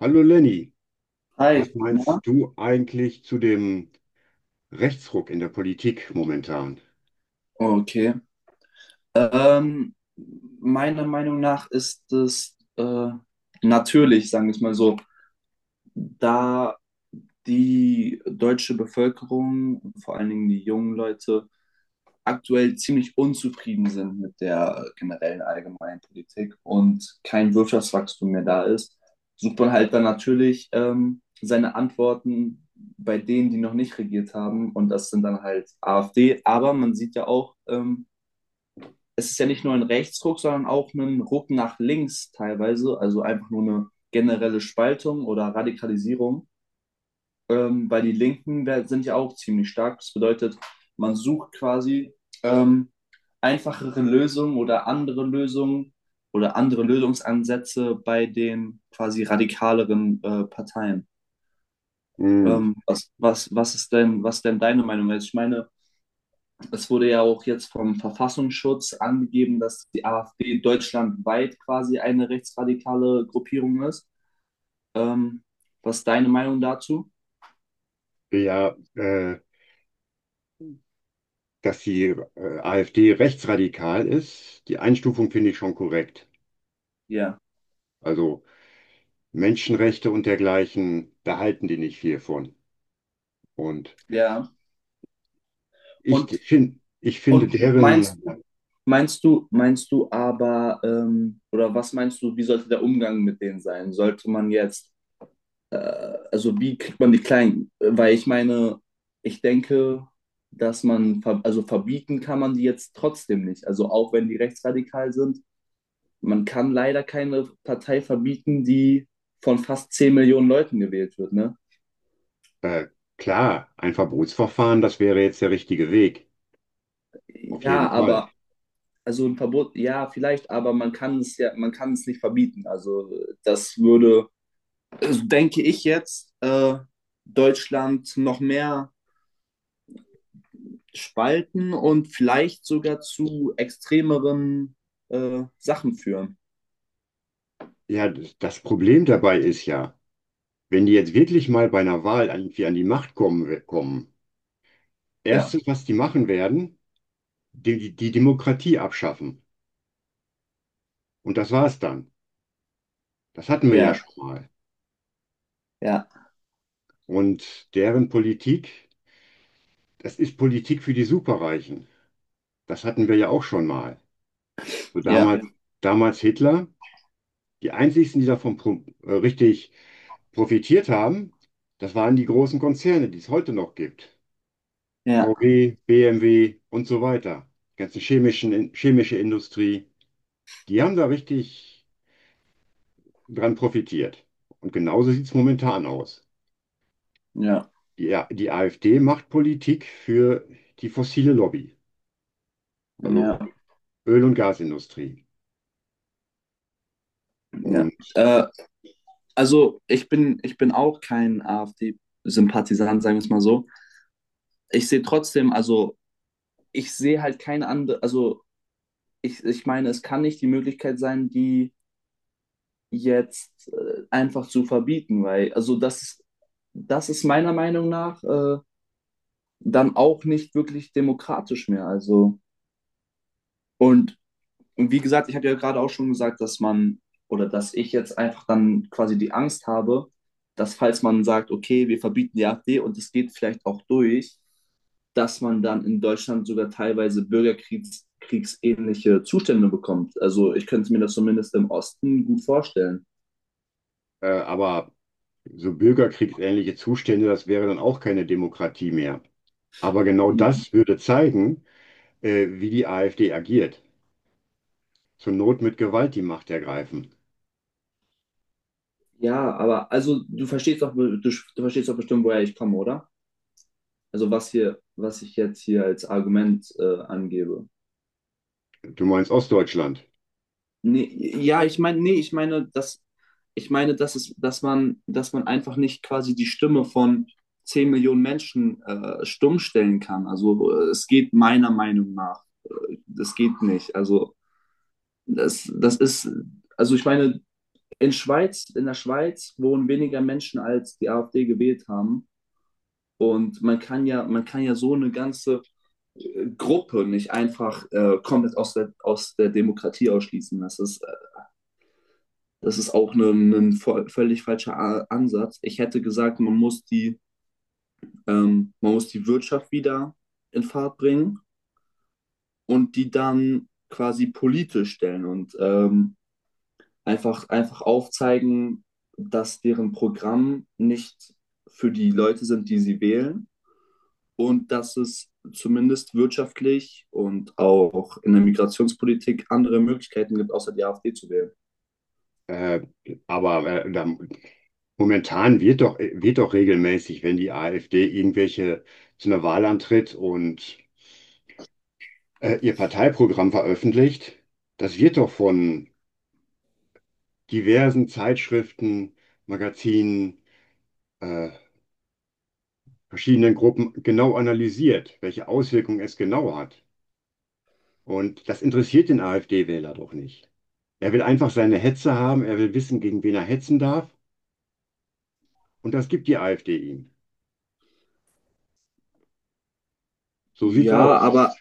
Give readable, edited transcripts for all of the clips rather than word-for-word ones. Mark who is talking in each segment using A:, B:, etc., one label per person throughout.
A: Hallo Lenny,
B: Hi,
A: was
B: na?
A: meinst du eigentlich zu dem Rechtsruck in der Politik momentan?
B: Okay. Ähm, Meiner Meinung nach ist es natürlich, sagen wir es mal so, da die deutsche Bevölkerung, vor allen Dingen die jungen Leute, aktuell ziemlich unzufrieden sind mit der generellen allgemeinen Politik und kein Wirtschaftswachstum mehr da ist, sucht man halt dann natürlich seine Antworten bei denen, die noch nicht regiert haben. Und das sind dann halt AfD. Aber man sieht ja auch, es ist ja nicht nur ein Rechtsruck, sondern auch ein Ruck nach links teilweise, also einfach nur eine generelle Spaltung oder Radikalisierung, weil die Linken sind ja auch ziemlich stark. Das bedeutet, man sucht quasi ähm, einfachere Lösungen oder andere Lösungsansätze bei den quasi radikaleren Parteien.
A: Hm,
B: Was ist denn deine Meinung? Also ich meine, es wurde ja auch jetzt vom Verfassungsschutz angegeben, dass die AfD deutschlandweit quasi eine rechtsradikale Gruppierung ist. Ähm, Was ist deine Meinung dazu?
A: ja, dass die AfD rechtsradikal ist, die Einstufung finde ich schon korrekt.
B: Ja,
A: Also Menschenrechte und dergleichen, da halten die nicht viel von. Und
B: ja. Und,
A: ich finde
B: und meinst,
A: deren,
B: meinst du aber, oder was meinst du, wie sollte der Umgang mit denen sein? Sollte man jetzt, äh, also wie kriegt man die Kleinen? Weil ich meine, ich denke, dass man, also verbieten kann man die jetzt trotzdem nicht. Also auch wenn die rechtsradikal sind, man kann leider keine Partei verbieten, die von fast 10 Millionen Leuten gewählt wird, ne?
A: äh, klar, ein Verbotsverfahren, das wäre jetzt der richtige Weg, auf
B: Ja,
A: jeden Fall.
B: aber also ein Verbot, ja, vielleicht, aber man kann es nicht verbieten. Also das würde, also denke ich jetzt, Deutschland noch mehr spalten und vielleicht sogar zu extremeren Sachen führen.
A: Ja, das Problem dabei ist ja, wenn die jetzt wirklich mal bei einer Wahl irgendwie an die Macht kommen,
B: Ja,
A: erstes, was die machen werden, die Demokratie abschaffen. Und das war's dann. Das hatten wir ja
B: ja,
A: schon mal.
B: ja,
A: Und deren Politik, das ist Politik für die Superreichen. Das hatten wir ja auch schon mal. So
B: ja,
A: damals, ja. Damals Hitler. Die einzigsten, die davon richtig profitiert haben, das waren die großen Konzerne, die es heute noch gibt.
B: ja,
A: VW, BMW und so weiter. Die chemische Industrie. Die haben da richtig dran profitiert. Und genauso sieht es momentan aus.
B: ja,
A: Die AfD macht Politik für die fossile Lobby, also
B: ja,
A: Öl- und Gasindustrie.
B: ja.
A: Und
B: Also ich bin auch kein AfD-Sympathisant, sagen wir es mal so. Ich sehe trotzdem, also ich sehe halt keine andere, also ich meine, es kann nicht die Möglichkeit sein, die jetzt einfach zu verbieten, weil, also das ist meiner Meinung nach dann auch nicht wirklich demokratisch mehr. Also, und Und wie gesagt, ich habe ja gerade auch schon gesagt, dass man oder dass ich jetzt einfach dann quasi die Angst habe, dass falls man sagt, okay, wir verbieten die AfD und es geht vielleicht auch durch, dass man dann in Deutschland sogar teilweise bürgerkriegsähnliche Zustände bekommt. Also ich könnte mir das zumindest im Osten gut vorstellen.
A: aber so bürgerkriegsähnliche Zustände, das wäre dann auch keine Demokratie mehr. Aber genau das würde zeigen, wie die AfD agiert. Zur Not mit Gewalt die Macht ergreifen.
B: Ja, aber also du verstehst doch, du verstehst doch bestimmt, woher ich komme, oder? Also was hier, was ich jetzt hier als Argument angebe.
A: Du meinst Ostdeutschland.
B: Nee, ja, ich meine, nee, ich meine, dass dass man einfach nicht quasi die Stimme von 10 Millionen Menschen stumm stellen kann. Also es geht meiner Meinung nach. Das geht nicht. Also das, das ist, also ich meine, in der Schweiz wohnen weniger Menschen, als die AfD gewählt haben. Und man kann ja so eine ganze Gruppe nicht einfach komplett aus der Demokratie ausschließen. Das ist das ist auch ein völlig falscher Ansatz. Ich hätte gesagt, man muss die Wirtschaft wieder in Fahrt bringen und die dann quasi politisch stellen und einfach aufzeigen, dass deren Programm nicht für die Leute sind, die sie wählen und dass es zumindest wirtschaftlich und auch in der Migrationspolitik andere Möglichkeiten gibt, außer die AfD zu wählen.
A: Äh, aber äh, da, momentan wird doch regelmäßig, wenn die AfD irgendwelche zu einer Wahl antritt und ihr Parteiprogramm veröffentlicht, das wird doch von diversen Zeitschriften, Magazinen, äh, verschiedenen Gruppen genau analysiert, welche Auswirkungen es genau hat. Und das interessiert den AfD-Wähler doch nicht. Er will einfach seine Hetze haben, er will wissen, gegen wen er hetzen darf. Und das gibt die AfD ihm. So sieht's
B: Ja,
A: aus.
B: aber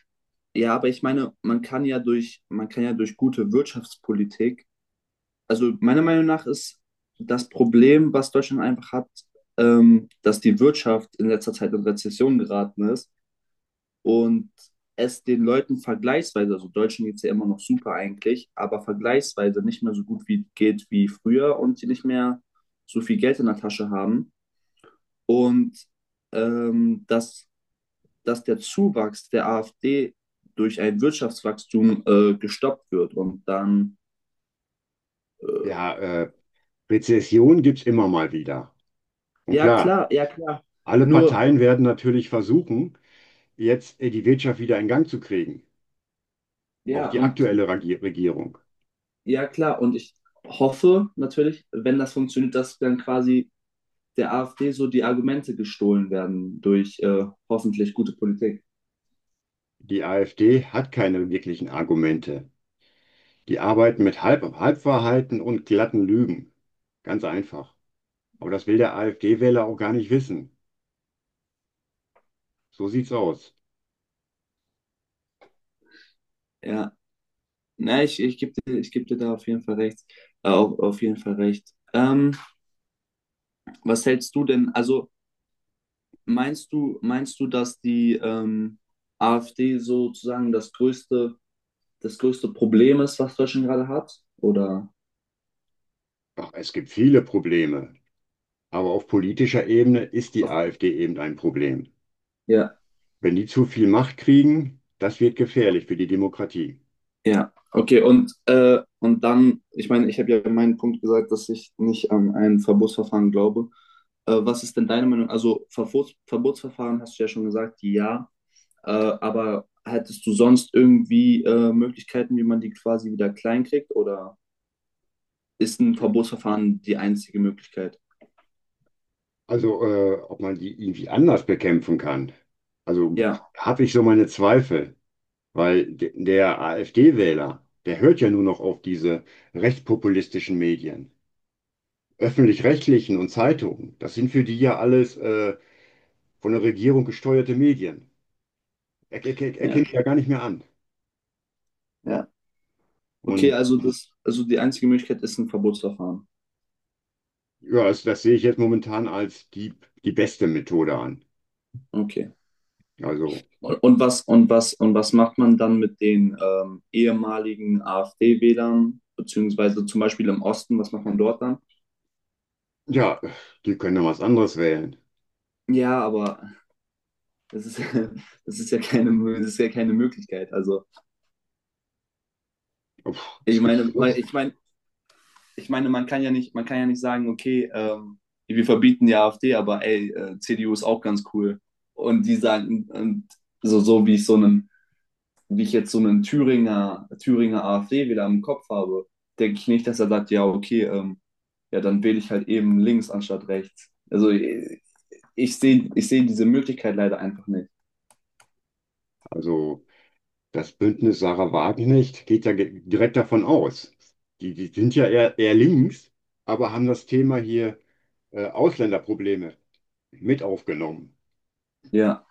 B: Ja, aber ich meine, man kann ja durch gute Wirtschaftspolitik, also meiner Meinung nach ist das Problem, was Deutschland einfach hat, dass die Wirtschaft in letzter Zeit in Rezession geraten ist und es den Leuten vergleichsweise, also Deutschen geht es ja immer noch super eigentlich, aber vergleichsweise nicht mehr so gut wie geht wie früher und die nicht mehr so viel Geld in der Tasche haben. Und ähm, dass dass der Zuwachs der AfD durch ein Wirtschaftswachstum gestoppt wird. Und dann,
A: Ja, Rezession gibt's immer mal wieder. Und
B: ja
A: klar,
B: klar, ja klar.
A: alle
B: Nur,
A: Parteien werden natürlich versuchen, jetzt die Wirtschaft wieder in Gang zu kriegen. Auch
B: ja,
A: die
B: und
A: aktuelle Regierung.
B: ja klar, und ich hoffe natürlich, wenn das funktioniert, dass dann quasi der AfD so die Argumente gestohlen werden durch hoffentlich gute Politik.
A: Die AfD hat keine wirklichen Argumente. Die arbeiten mit Halbwahrheiten und glatten Lügen. Ganz einfach. Aber das will der AfD-Wähler auch gar nicht wissen. So sieht's aus.
B: Ja, na, ich geb dir da auf jeden Fall recht. Auf jeden Fall recht. Was hältst du denn? Also, meinst du, dass die AfD sozusagen das größte Problem ist, was Deutschland gerade hat? Oder?
A: Ach, es gibt viele Probleme. Aber auf politischer Ebene ist die
B: Ach,
A: AfD eben ein Problem.
B: ja,
A: Wenn die zu viel Macht kriegen, das wird gefährlich für die Demokratie.
B: ja. Okay, und dann, ich meine, ich habe ja meinen Punkt gesagt, dass ich nicht an ein Verbotsverfahren glaube. Was ist denn deine Meinung? Also Verbotsverfahren hast du ja schon gesagt, ja. Aber hättest du sonst irgendwie Möglichkeiten, wie man die quasi wieder klein kriegt? Oder ist ein Verbotsverfahren die einzige Möglichkeit?
A: Also, ob man die irgendwie anders bekämpfen kann. Also
B: Ja,
A: habe ich so meine Zweifel, weil de der AfD-Wähler, der hört ja nur noch auf diese rechtspopulistischen Medien, öffentlich-rechtlichen und Zeitungen. Das sind für die ja alles von der Regierung gesteuerte Medien. Er
B: ja.
A: kennt die ja gar nicht mehr an.
B: Ja. Okay,
A: Und
B: also das, also die einzige Möglichkeit ist ein Verbotsverfahren.
A: ja, das sehe ich jetzt momentan als die beste Methode an.
B: Okay.
A: Also,
B: Und was macht man dann mit den ehemaligen AfD-Wählern, beziehungsweise zum Beispiel im Osten, was macht man dort dann?
A: ja, die können ja was anderes wählen.
B: Ja, aber das ist, das ist ja keine Möglichkeit. Also
A: Puh,
B: ich
A: es gibt
B: meine,
A: genug.
B: ich meine, man kann ja nicht sagen, okay, wir verbieten die AfD, aber CDU ist auch ganz cool. Und die sagen, und so wie ich so einen wie ich jetzt so einen Thüringer AfD wieder im Kopf habe, denke ich nicht, dass er sagt, ja, okay, ja, dann wähle ich halt eben links anstatt rechts. Also ich sehe diese Möglichkeit leider einfach nicht.
A: Also. Das Bündnis Sarah Wagenknecht geht ja direkt davon aus. Die sind ja eher links, aber haben das Thema hier Ausländerprobleme mit aufgenommen.
B: Ja,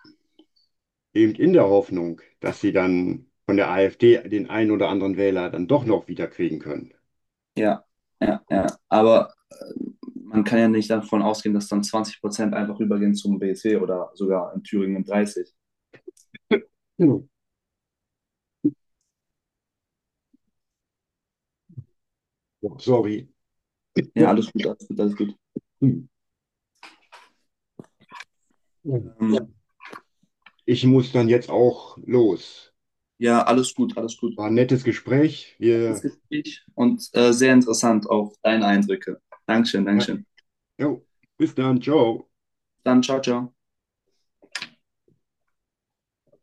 A: Eben in der Hoffnung, dass sie dann von der AfD den einen oder anderen Wähler dann doch noch wieder kriegen können.
B: ja, ja, ja. Aber man kann ja nicht davon ausgehen, dass dann 20% einfach übergehen zum BSW oder sogar in Thüringen 30.
A: Hm. Sorry.
B: Ja, alles gut, alles gut, alles gut.
A: Hm.
B: Ja. Ähm,
A: Ich muss dann jetzt auch los.
B: ja, alles gut, alles gut.
A: War ein nettes Gespräch.
B: Das
A: Wir,
B: Gespräch und sehr interessant auch deine Eindrücke. Dankeschön,
A: ja,
B: Dankeschön.
A: jo, bis dann, ciao.
B: Dann ciao, ciao.